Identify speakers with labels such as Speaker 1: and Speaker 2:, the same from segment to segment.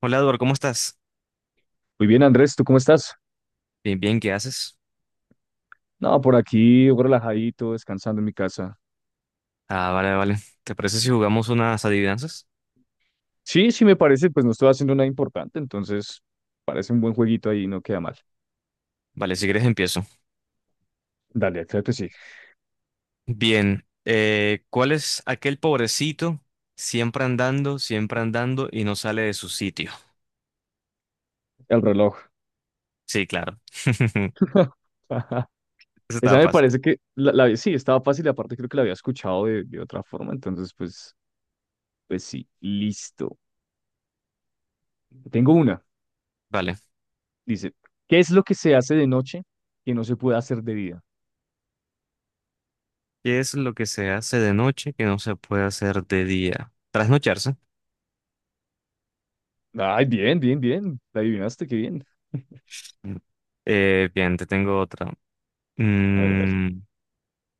Speaker 1: Hola, Eduardo, ¿cómo estás?
Speaker 2: Muy bien, Andrés, ¿tú cómo estás?
Speaker 1: Bien, bien, ¿qué haces?
Speaker 2: No, por aquí relajadito, descansando en mi casa.
Speaker 1: Ah, vale, vale. ¿Te parece si jugamos unas adivinanzas?
Speaker 2: Sí, sí me parece, pues no estoy haciendo nada importante, entonces parece un buen jueguito ahí, no queda mal.
Speaker 1: Vale, si quieres empiezo.
Speaker 2: Dale, claro que sí.
Speaker 1: Bien, ¿cuál es aquel pobrecito siempre andando y no sale de su sitio?
Speaker 2: El reloj.
Speaker 1: Sí, claro. Eso
Speaker 2: Esa
Speaker 1: estaba
Speaker 2: me
Speaker 1: fácil.
Speaker 2: parece que sí, estaba fácil, y aparte creo que la había escuchado de otra forma, entonces pues sí, listo. Tengo una,
Speaker 1: Vale.
Speaker 2: dice, ¿qué es lo que se hace de noche que no se puede hacer de día?
Speaker 1: ¿Qué es lo que se hace de noche que no se puede hacer de día? Trasnocharse.
Speaker 2: Ay, bien, bien, bien, la adivinaste, qué bien.
Speaker 1: Mm. Bien, te tengo otra.
Speaker 2: A ver, a ver.
Speaker 1: Mm,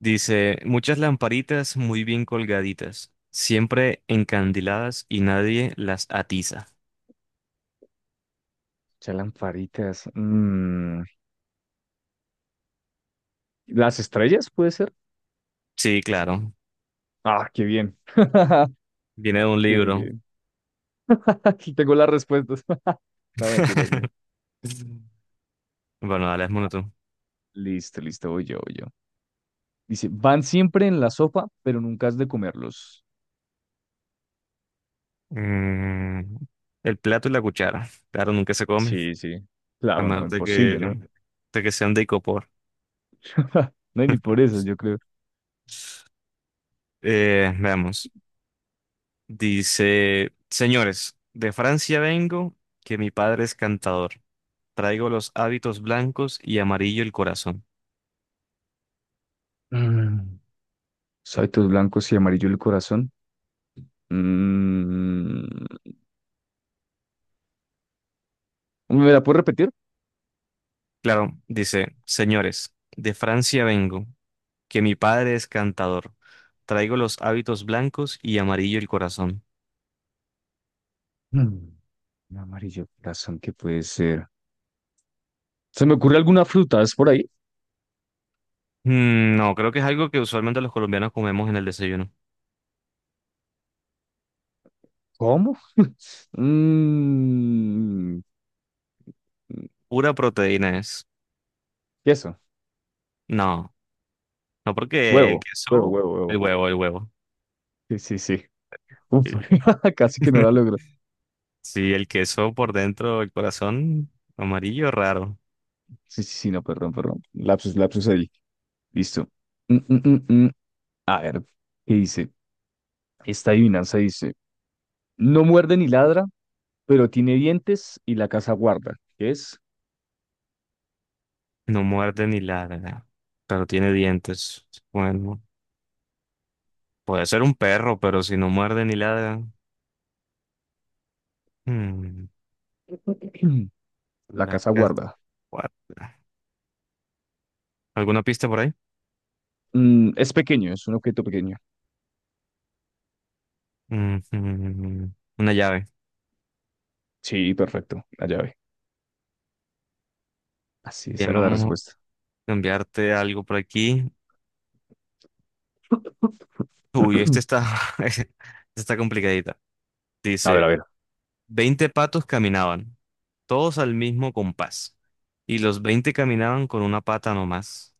Speaker 1: Dice, muchas lamparitas muy bien colgaditas, siempre encandiladas y nadie las atiza.
Speaker 2: Chalamparitas. ¿Las estrellas puede ser?
Speaker 1: Sí, claro,
Speaker 2: Ah, qué bien.
Speaker 1: viene de un
Speaker 2: Qué bien, qué
Speaker 1: libro.
Speaker 2: bien. Aquí tengo las respuestas. No, mentiras, no.
Speaker 1: Bueno, dale, es monotón.
Speaker 2: Listo, listo, voy yo, voy yo. Dice, van siempre en la sopa, pero nunca has de comerlos.
Speaker 1: El plato y la cuchara, claro, nunca se come,
Speaker 2: Sí, sí.
Speaker 1: a
Speaker 2: Claro, no,
Speaker 1: menos
Speaker 2: imposible, ¿no?
Speaker 1: de que sean de icopor.
Speaker 2: No hay ni por eso, yo creo.
Speaker 1: Veamos, dice, señores, de Francia vengo, que mi padre es cantador. Traigo los hábitos blancos y amarillo el corazón.
Speaker 2: Mm. Saitos blancos y amarillo el corazón. Mm. ¿Me la puedes repetir?
Speaker 1: Claro, dice, señores, de Francia vengo, que mi padre es cantador. Traigo los hábitos blancos y amarillo el corazón.
Speaker 2: Mm. Amarillo el corazón, ¿qué puede ser? ¿Se me ocurre alguna fruta? ¿Es por ahí?
Speaker 1: No, creo que es algo que usualmente los colombianos comemos en el desayuno.
Speaker 2: ¿Cómo? Mm. Mm,
Speaker 1: Pura proteína es.
Speaker 2: queso,
Speaker 1: No, no porque el
Speaker 2: huevo, huevo,
Speaker 1: queso,
Speaker 2: huevo,
Speaker 1: el
Speaker 2: huevo.
Speaker 1: huevo, el huevo.
Speaker 2: Sí, sí, sí. Uf,
Speaker 1: El-
Speaker 2: casi que no la logro.
Speaker 1: Sí, el queso por dentro, el corazón amarillo, raro.
Speaker 2: Sí, sí, sí, no, perdón, perdón. Lapsus, lapsus ahí. Listo. Mm, mm, mm, mm. A ver, ¿qué dice? Esta adivinanza dice, no muerde ni ladra, pero tiene dientes y la casa guarda. ¿Qué es?
Speaker 1: No muerde ni ladra, pero tiene dientes. Bueno, puede ser un perro, pero si no muerde ni ladra. mm.
Speaker 2: La
Speaker 1: La
Speaker 2: casa
Speaker 1: casa
Speaker 2: guarda.
Speaker 1: cuarta. ¿Alguna pista por ahí?
Speaker 2: Mm, es pequeño, es un objeto pequeño.
Speaker 1: Ujú, una llave.
Speaker 2: Sí, perfecto, la llave. Así, esa
Speaker 1: Bien,
Speaker 2: era la
Speaker 1: vamos a
Speaker 2: respuesta.
Speaker 1: cambiarte algo por aquí. Uy, este está, este está complicadita.
Speaker 2: A ver, a
Speaker 1: Dice,
Speaker 2: ver.
Speaker 1: 20 patos caminaban, todos al mismo compás, y los 20 caminaban con una pata nomás.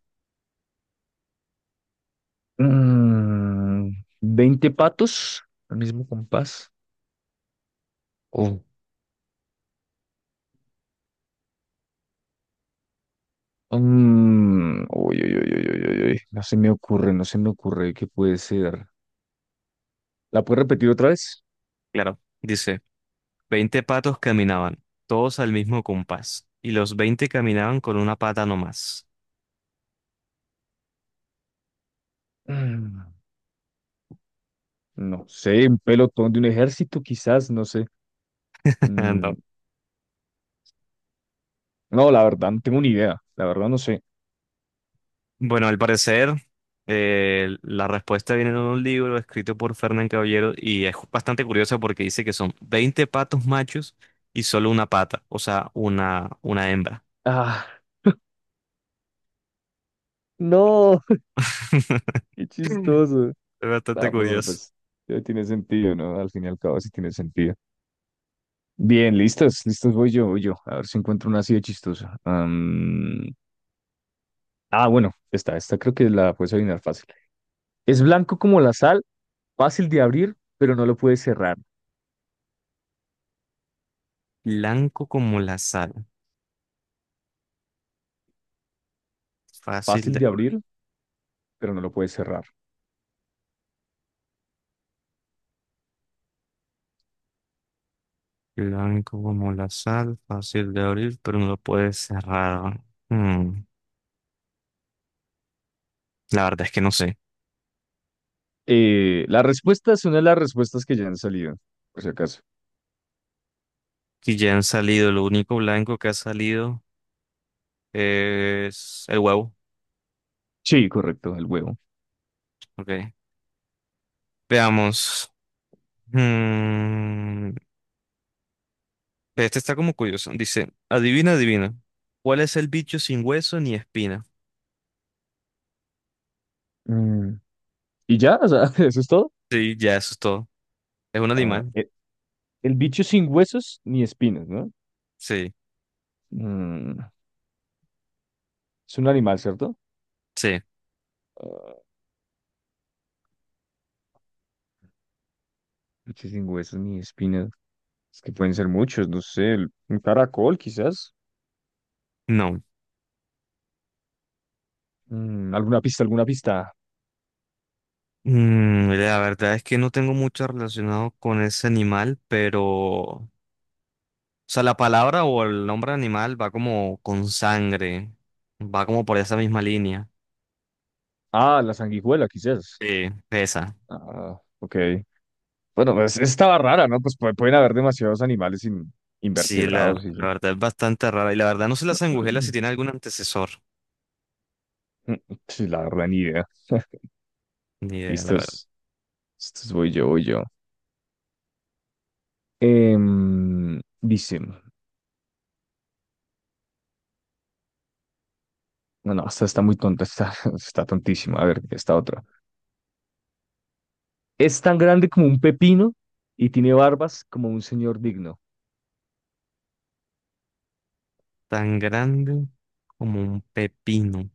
Speaker 2: Mm, 20 patos, al mismo compás. Oh, uy, uy, uy, uy, uy, uy, uy, no se me ocurre, no se me ocurre qué puede ser. ¿La puedes repetir otra vez?
Speaker 1: Claro, dice, 20 patos caminaban, todos al mismo compás, y los 20 caminaban con una pata nomás.
Speaker 2: Mm, no sé, un pelotón de un ejército, quizás, no sé. Mm, no, la verdad, no tengo ni idea. La verdad, no sé.
Speaker 1: Bueno, al parecer, la respuesta viene en un libro escrito por Fernán Caballero y es bastante curioso porque dice que son 20 patos machos y solo una pata, o sea, una hembra.
Speaker 2: Ah, no, qué chistoso.
Speaker 1: Es bastante
Speaker 2: Ah, pues bueno,
Speaker 1: curioso.
Speaker 2: pues ya tiene sentido, ¿no? Al fin y al cabo, sí tiene sentido. Bien, listos, listos, voy yo, voy yo. A ver si encuentro una así de chistosa. Bueno, esta creo que la puedes adivinar fácil. Es blanco como la sal, fácil de abrir, pero no lo puedes cerrar.
Speaker 1: Blanco como la sal, fácil
Speaker 2: Fácil
Speaker 1: de
Speaker 2: de
Speaker 1: abrir.
Speaker 2: abrir, pero no lo puedes cerrar.
Speaker 1: Blanco como la sal, fácil de abrir, pero no lo puedes cerrar. Mm, la verdad es que no sé.
Speaker 2: La respuesta es una de las respuestas que ya han salido, por si acaso.
Speaker 1: Si ya han salido, lo único blanco que ha salido es el huevo.
Speaker 2: Sí, correcto, el huevo.
Speaker 1: Ok. Veamos. Mm, este está como curioso. Dice, adivina, adivina. ¿Cuál es el bicho sin hueso ni espina?
Speaker 2: Mm, y ya, o sea, eso es todo.
Speaker 1: Sí, ya eso es todo. ¿Es un
Speaker 2: Ah,
Speaker 1: animal?
Speaker 2: e- el, bicho sin huesos ni espinas, ¿no?
Speaker 1: Sí,
Speaker 2: Mm, es un animal, ¿cierto?
Speaker 1: sí,
Speaker 2: Ah, bicho sin huesos ni espinas. Es que pueden ser muchos, no sé, el- un caracol quizás.
Speaker 1: no.
Speaker 2: Mm, alguna pista, alguna pista.
Speaker 1: La verdad es que no tengo mucho relacionado con ese animal, pero... O sea, la palabra o el nombre animal va como con sangre, va como por esa misma línea.
Speaker 2: Ah, la sanguijuela quizás.
Speaker 1: Sí, esa.
Speaker 2: Ah, ok. Bueno, pues estaba rara, ¿no? Pues pu- pueden haber demasiados animales in-
Speaker 1: Sí, la,
Speaker 2: invertebrados y...
Speaker 1: la verdad es bastante rara. Y la verdad no sé la sangujela si tiene algún antecesor.
Speaker 2: Sí, la verdad, ni idea.
Speaker 1: Ni idea, la
Speaker 2: Listos. Estos voy yo, voy yo. Em, dice... No, no, esta está muy tonta, está, está tontísima. A ver, esta otra. Es tan grande como un pepino y tiene barbas como un señor digno.
Speaker 1: tan grande como un pepino.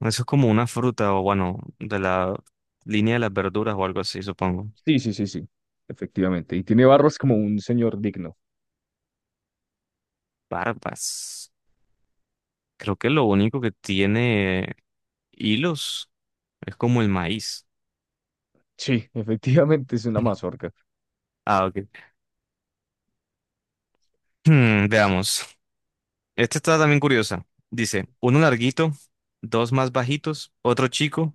Speaker 1: Eso es como una fruta o bueno, de la línea de las verduras o algo así, supongo.
Speaker 2: Sí, sí, sí, sí, efectivamente. Y tiene barbas como un señor digno.
Speaker 1: Barbas. Creo que lo único que tiene hilos es como el maíz.
Speaker 2: Sí, efectivamente es una mazorca.
Speaker 1: Ah, ok. Hmm,
Speaker 2: Sí.
Speaker 1: veamos. Esta está también curiosa. Dice, uno larguito, dos más bajitos, otro chico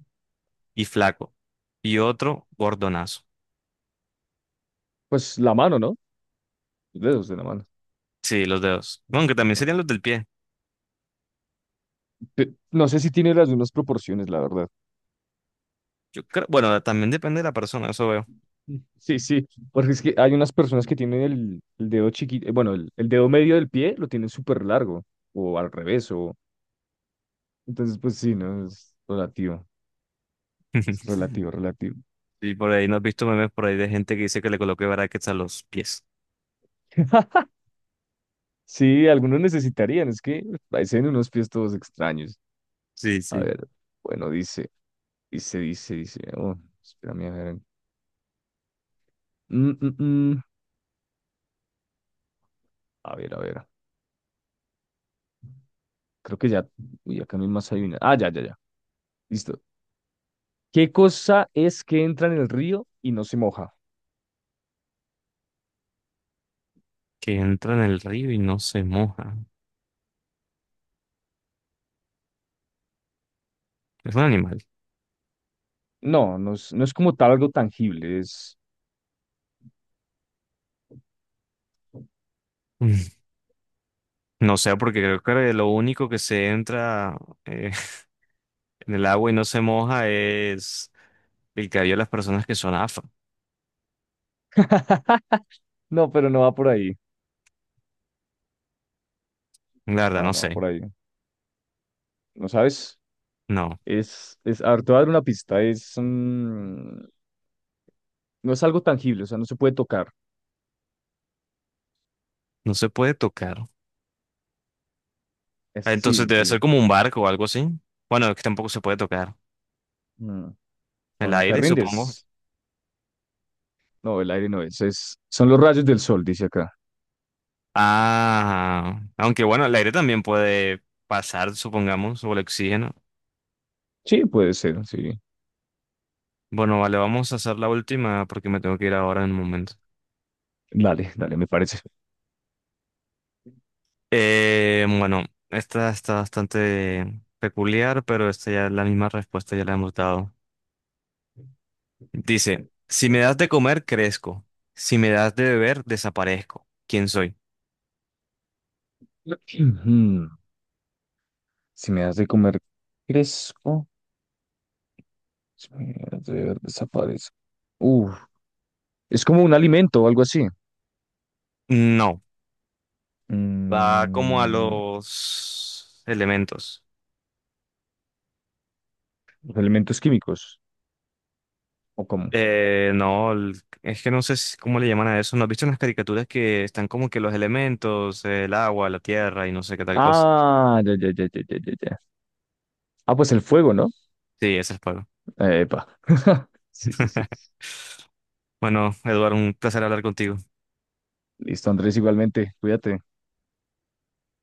Speaker 1: y flaco, y otro gordonazo.
Speaker 2: Pues la mano, ¿no? Los dedos de la mano.
Speaker 1: Sí, los dedos. Aunque también
Speaker 2: No,
Speaker 1: serían los del pie.
Speaker 2: pe- no sé si tiene las mismas proporciones, la verdad.
Speaker 1: Yo creo, bueno, también depende de la persona, eso veo.
Speaker 2: Sí, sí, porque es que hay unas personas que tienen el dedo chiquito, bueno, el dedo medio del pie lo tienen súper largo, o al revés, o... Entonces, pues sí, no, es relativo, relativo.
Speaker 1: Sí, por ahí no has visto memes por ahí de gente que dice que le coloque brackets a los pies,
Speaker 2: Sí, algunos necesitarían, es que parecen unos pies todos extraños.
Speaker 1: sí,
Speaker 2: A
Speaker 1: sí.
Speaker 2: ver, bueno, dice, oh, espérame, a ver. Mm, mm, mm. A ver, a ver, creo que ya, uy, acá mismo hay una. Ah, ya, ya, ya, listo. ¿Qué cosa es que entra en el río y no se moja?
Speaker 1: Que entra en el río y no se moja. Es un animal.
Speaker 2: No, no es, no es como tal algo tangible, es...
Speaker 1: No sé, porque creo que lo único que se entra eh, en el agua y no se moja es el cabello de las personas que son afro.
Speaker 2: No, pero no va por ahí.
Speaker 1: La verdad,
Speaker 2: Ah,
Speaker 1: no
Speaker 2: no va
Speaker 1: sé.
Speaker 2: por ahí. ¿No sabes?
Speaker 1: No,
Speaker 2: Es, a ver, te voy a dar una pista. No es algo tangible, o sea, no se puede tocar.
Speaker 1: no se puede tocar.
Speaker 2: Es,
Speaker 1: Ah, entonces
Speaker 2: sí,
Speaker 1: debe ser
Speaker 2: sí.
Speaker 1: como un barco o algo así. Bueno, es que tampoco se puede tocar.
Speaker 2: Mm. No,
Speaker 1: El
Speaker 2: no te
Speaker 1: aire, supongo.
Speaker 2: rindes. No, el aire no es, es. Son los rayos del sol, dice acá.
Speaker 1: Ah, aunque bueno, el aire también puede pasar, supongamos, o el oxígeno.
Speaker 2: Sí, puede ser, sí.
Speaker 1: Bueno, vale, vamos a hacer la última porque me tengo que ir ahora en un momento.
Speaker 2: Dale, dale, me parece.
Speaker 1: Bueno, esta está bastante peculiar, pero esta ya la misma respuesta ya la hemos dado. Dice, si me das de comer, crezco. Si me das de beber, desaparezco. ¿Quién soy?
Speaker 2: Ujú. Si me das de comer, crezco. Si me das de ver, desaparezco. Uf, es como un alimento o algo así.
Speaker 1: No, va como a
Speaker 2: Mm,
Speaker 1: los elementos.
Speaker 2: los elementos químicos, ¿o cómo?
Speaker 1: No, es que no sé cómo le llaman a eso. ¿No has visto unas caricaturas que están como que los elementos, el agua, la tierra y no sé qué tal cosa?
Speaker 2: Ah, ya, ya, ya, ya, ya, ya. Ya. Ah, pues el fuego, ¿no?
Speaker 1: Sí, ese es fuego.
Speaker 2: Epa. Sí, sí, sí.
Speaker 1: Bueno, Eduardo, un placer hablar contigo.
Speaker 2: Listo, Andrés, igualmente. Cuídate.